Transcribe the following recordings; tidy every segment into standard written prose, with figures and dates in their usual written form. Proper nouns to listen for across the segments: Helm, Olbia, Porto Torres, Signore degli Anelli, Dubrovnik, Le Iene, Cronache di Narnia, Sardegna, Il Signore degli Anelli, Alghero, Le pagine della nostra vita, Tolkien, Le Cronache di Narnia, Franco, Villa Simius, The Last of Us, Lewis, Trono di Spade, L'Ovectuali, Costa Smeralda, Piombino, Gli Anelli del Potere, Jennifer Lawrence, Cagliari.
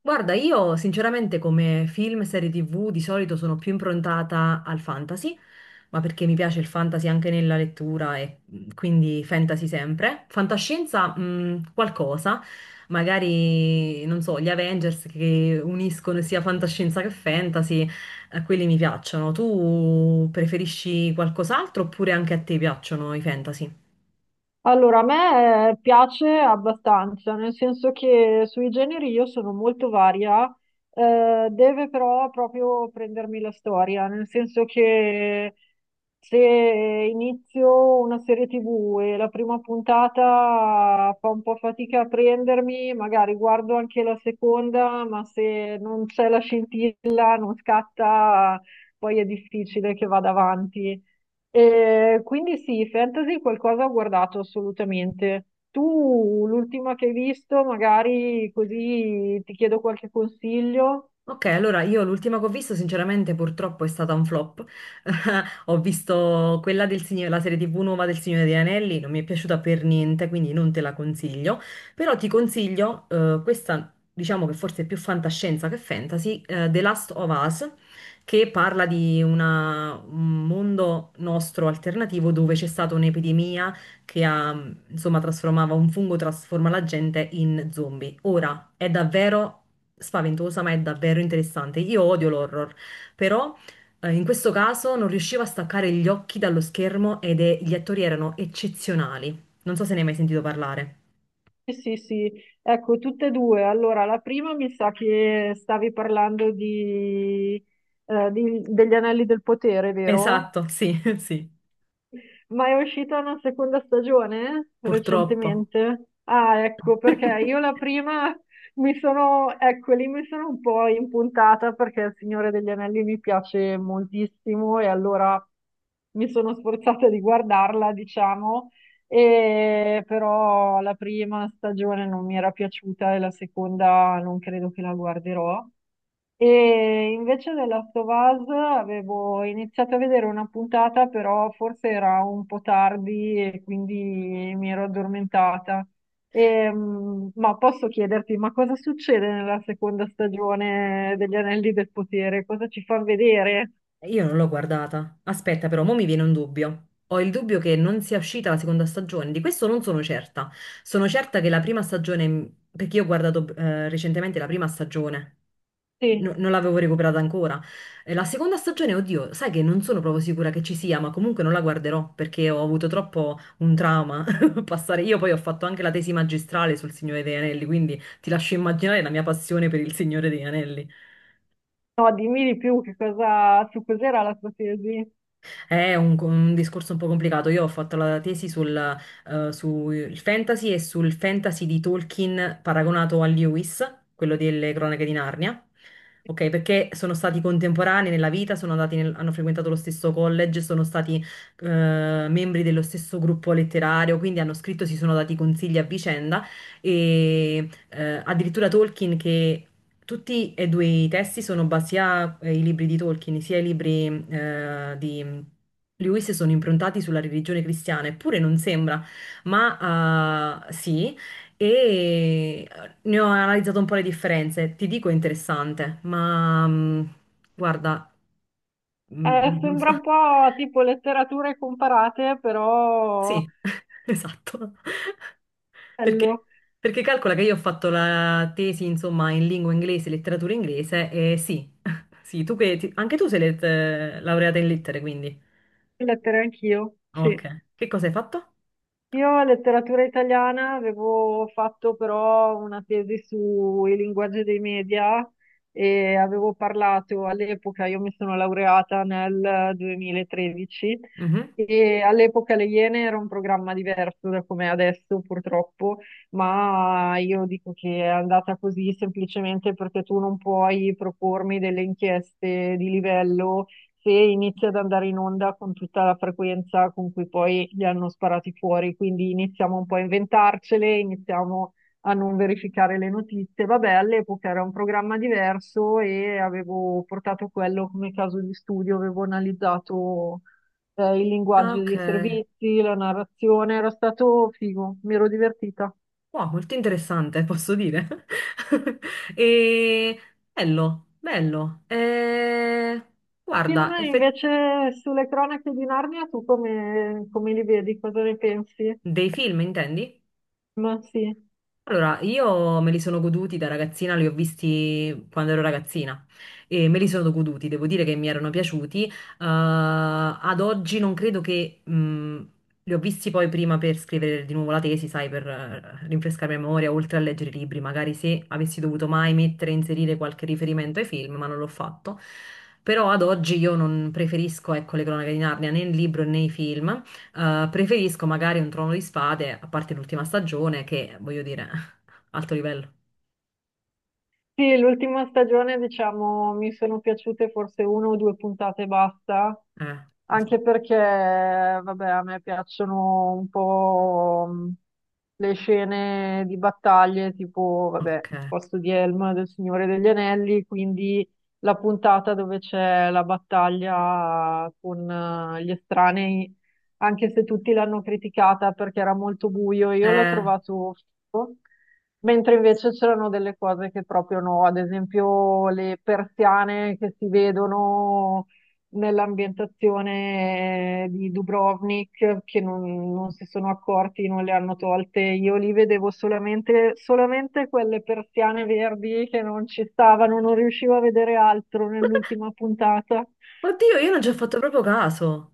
Guarda, io sinceramente come film e serie TV di solito sono più improntata al fantasy, ma perché mi piace il fantasy anche nella lettura quindi fantasy sempre. Fantascienza, qualcosa, magari, non so, gli Avengers che uniscono sia fantascienza che fantasy, quelli mi piacciono. Tu preferisci qualcos'altro oppure anche a te piacciono i fantasy? Allora, a me piace abbastanza, nel senso che sui generi io sono molto varia, deve però proprio prendermi la storia, nel senso che se inizio una serie TV e la prima puntata fa un po' fatica a prendermi, magari guardo anche la seconda, ma se non c'è la scintilla, non scatta, poi è difficile che vada avanti. Quindi sì, fantasy qualcosa ho guardato assolutamente. Tu l'ultima che hai visto, magari così ti chiedo qualche consiglio. Ok, allora io l'ultima che ho visto, sinceramente, purtroppo è stata un flop. Ho visto quella del Signore, la serie TV nuova del Signore degli Anelli, non mi è piaciuta per niente, quindi non te la consiglio. Però ti consiglio questa, diciamo che forse è più fantascienza che fantasy, The Last of Us, che parla di un mondo nostro alternativo dove c'è stata un'epidemia che ha insomma, trasformava un fungo, trasforma la gente in zombie. Ora, è davvero spaventosa, ma è davvero interessante. Io odio l'horror, però in questo caso non riuscivo a staccare gli occhi dallo schermo gli attori erano eccezionali. Non so se ne hai mai sentito parlare. Sì, sì, sì. Ecco, tutte e due. Allora, la prima mi sa che stavi parlando di, degli Anelli del Potere, vero? Esatto, sì, sì, Ma è uscita una seconda stagione purtroppo. recentemente? Ah, ecco, perché io la prima mi sono, ecco, lì mi sono un po' impuntata perché Il Signore degli Anelli mi piace moltissimo e allora mi sono sforzata di guardarla, diciamo, e però la prima stagione non mi era piaciuta e la seconda non credo che la guarderò. E invece The Last of Us avevo iniziato a vedere una puntata, però forse era un po' tardi e quindi mi ero addormentata. Ma posso chiederti, ma cosa succede nella seconda stagione degli Anelli del Potere? Cosa ci fa vedere? Io non l'ho guardata. Aspetta, però, mo mi viene un dubbio. Ho il dubbio che non sia uscita la seconda stagione. Di questo non sono certa. Sono certa che la prima stagione, perché io ho guardato recentemente la prima stagione, Sì, non l'avevo recuperata ancora. E la seconda stagione, oddio, sai che non sono proprio sicura che ci sia, ma comunque non la guarderò perché ho avuto troppo un trauma passare. Io poi ho fatto anche la tesi magistrale sul Signore degli Anelli, quindi ti lascio immaginare la mia passione per il Signore degli Anelli. no, dimmi di più che cosa, su cos'era la tua tesi. È un discorso un po' complicato. Io ho fatto la tesi sul fantasy e sul fantasy di Tolkien paragonato a Lewis, quello delle Cronache di Narnia. Ok, perché sono stati contemporanei nella vita, sono andati hanno frequentato lo stesso college, sono stati eh, membri dello stesso gruppo letterario, quindi hanno scritto, si sono dati consigli a vicenda e addirittura Tolkien che tutti e due i testi sono basati sia i libri di Tolkien, sia i libri di Lewis sono improntati sulla religione cristiana, eppure non sembra, ma sì, e ne ho analizzato un po' le differenze. Ti dico è interessante, ma guarda, non so. Sembra un po' tipo letterature comparate, però Sì, esatto. Perché, bello, perché calcola che io ho fatto la tesi, insomma, in lingua inglese, letteratura inglese, e sì, sì, tu che anche tu sei laureata in lettere, quindi. lettere anch'io, Ok. sì. Che cosa hai fatto? Io letteratura italiana avevo fatto però una tesi sui linguaggi dei media e avevo parlato all'epoca, io mi sono laureata nel 2013 Mhm. e all'epoca Le Iene era un programma diverso da come è adesso purtroppo, ma io dico che è andata così semplicemente perché tu non puoi propormi delle inchieste di livello se inizia ad andare in onda con tutta la frequenza con cui poi li hanno sparati fuori, quindi iniziamo un po' a inventarcele, iniziamo a non verificare le notizie. Vabbè, all'epoca era un programma diverso e avevo portato quello come caso di studio, avevo analizzato il Ah, linguaggio ok. dei servizi, la narrazione, era stato figo, mi ero divertita. Wow, molto interessante, posso dire. E... Bello, bello. Film Guarda, invece sulle Cronache di Narnia, tu come, come li vedi? Cosa ne pensi? dei film, intendi? Ma sì. Allora, io me li sono goduti da ragazzina, li ho visti quando ero ragazzina e me li sono goduti, devo dire che mi erano piaciuti. Ad oggi non credo che... li ho visti poi prima per scrivere di nuovo la tesi, sai, per rinfrescare la memoria, oltre a leggere i libri, magari se avessi dovuto mai mettere, inserire qualche riferimento ai film, ma non l'ho fatto. Però ad oggi io non preferisco, ecco, le cronache di Narnia né il libro né i film. Preferisco magari un Trono di Spade, a parte l'ultima stagione, che voglio dire, alto livello. Sì, l'ultima stagione, diciamo, mi sono piaciute forse una o due puntate e basta, Esatto. anche perché, vabbè, a me piacciono un po' le scene di battaglie, tipo, vabbè, Ok. posto di Helm del Signore degli Anelli, quindi la puntata dove c'è la battaglia con gli estranei, anche se tutti l'hanno criticata perché era molto buio, io l'ho Eh, trovato figo. Mentre invece c'erano delle cose che proprio no, ad esempio le persiane che si vedono nell'ambientazione di Dubrovnik, che non, non si sono accorti, non le hanno tolte. Io lì vedevo solamente, solamente quelle persiane verdi che non ci stavano, non riuscivo a vedere altro nell'ultima puntata. oddio, io non ci ho fatto proprio caso.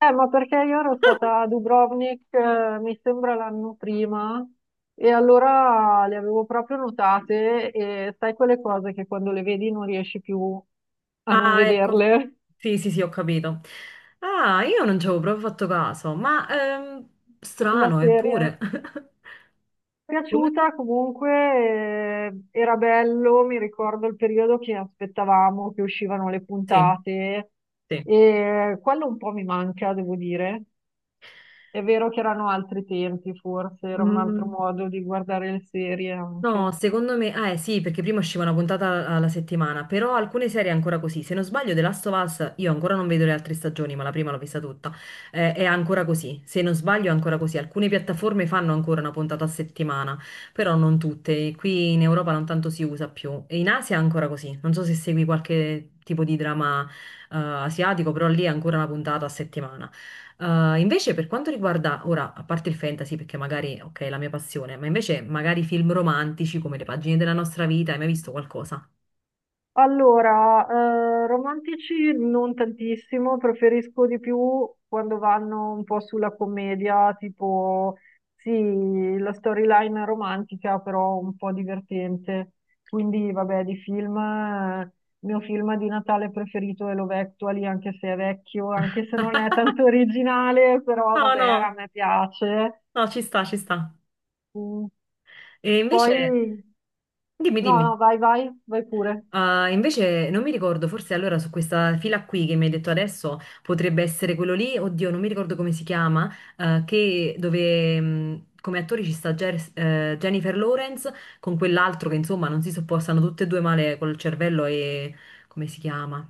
Ma perché io ero stata a Dubrovnik, mi sembra l'anno prima, e allora le avevo proprio notate e sai quelle cose che quando le vedi non riesci più a non Ah, ecco. vederle, Sì, sì, sì, ho capito. Ah, io non ci avevo proprio fatto caso, ma la strano, serie. eppure. Mi è Come? piaciuta comunque, era bello, mi ricordo il periodo che aspettavamo che uscivano le Sì, puntate sì. e quello un po' mi manca, devo dire. È vero che erano altri tempi, forse era un altro Mm. modo di guardare le serie No, anche. secondo me, sì, perché prima usciva una puntata alla settimana, però alcune serie è ancora così. Se non sbaglio, The Last of Us, io ancora non vedo le altre stagioni, ma la prima l'ho vista tutta, è ancora così. Se non sbaglio, è ancora così. Alcune piattaforme fanno ancora una puntata a settimana, però non tutte. Qui in Europa non tanto si usa più. E in Asia è ancora così. Non so se segui qualche tipo di drama, asiatico, però lì è ancora una puntata a settimana. Invece per quanto riguarda, ora, a parte il fantasy, perché magari, ok, è la mia passione, ma invece magari film romantici come Le pagine della nostra vita, hai mai visto qualcosa? Allora, romantici non tantissimo, preferisco di più quando vanno un po' sulla commedia, tipo, sì, la storyline romantica, però un po' divertente. Quindi, vabbè, di film, il mio film di Natale preferito è L'Ovectuali, anche se è vecchio, anche se non è tanto originale, però No, vabbè, a no, me piace. no, ci sta, ci sta. Mm, E invece, poi, dimmi, no, dimmi. no, vai, vai, vai pure. Invece non mi ricordo, forse allora su questa fila qui che mi hai detto adesso potrebbe essere quello lì, oddio, non mi ricordo come si chiama, che dove come attori ci sta Jennifer Lawrence con quell'altro che insomma non si sopportano tutte e due male col cervello e come si chiama?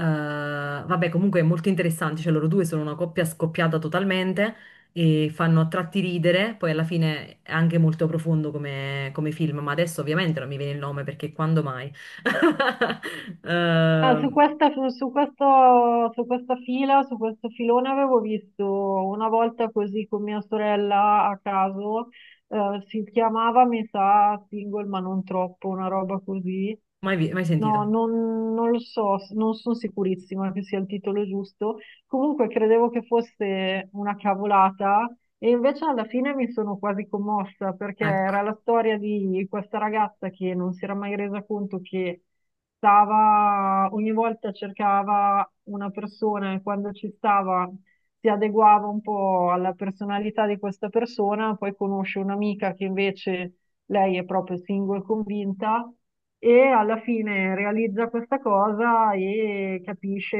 Vabbè, comunque è molto interessante, cioè loro due sono una coppia scoppiata totalmente e fanno a tratti ridere, poi alla fine è anche molto profondo come film, ma adesso ovviamente non mi viene il nome perché quando mai? Ah, su Eh, questa, su, su questo, su questa fila, su questo filone avevo visto una volta così con mia sorella a caso, si chiamava, mi sa, Single ma non troppo, una roba così. mai, mai sentito? No, non, non lo so, non sono sicurissima che sia il titolo giusto. Comunque credevo che fosse una cavolata e invece alla fine mi sono quasi commossa perché Ecco. era la storia di questa ragazza che non si era mai resa conto che stava, ogni volta cercava una persona e quando ci stava si adeguava un po' alla personalità di questa persona, poi conosce un'amica che invece lei è proprio single convinta e alla fine realizza questa cosa e capisce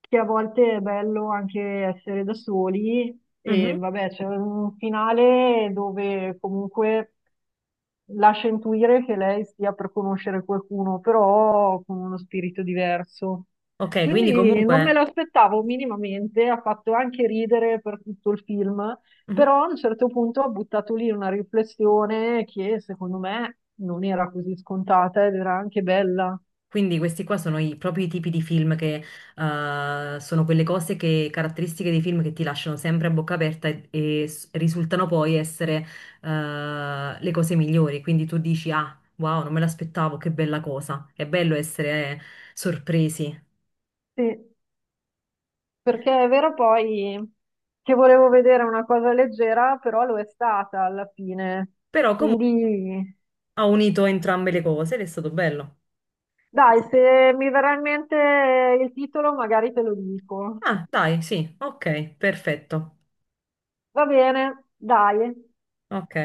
che a volte è bello anche essere da soli e Mhm. vabbè, c'è un finale dove comunque lascia intuire che lei stia per conoscere qualcuno, però con uno spirito diverso. Ok, quindi Quindi non me comunque... l'aspettavo minimamente, ha fatto anche ridere per tutto il film, mhm. però a un certo punto ha buttato lì una riflessione che secondo me non era così scontata ed era anche bella. Quindi questi qua sono i propri tipi di film che sono quelle cose che, caratteristiche dei film che ti lasciano sempre a bocca aperta e, risultano poi essere le cose migliori. Quindi tu dici, ah, wow, non me l'aspettavo, che bella cosa. È bello essere sorpresi. Sì, perché è vero poi che volevo vedere una cosa leggera, però lo è stata alla fine. Però comunque Quindi ha unito entrambe le cose ed è stato bello. dai, se mi verrà in mente il titolo magari te lo dico. Ah, dai, sì, ok, perfetto. Va bene, dai. Ok.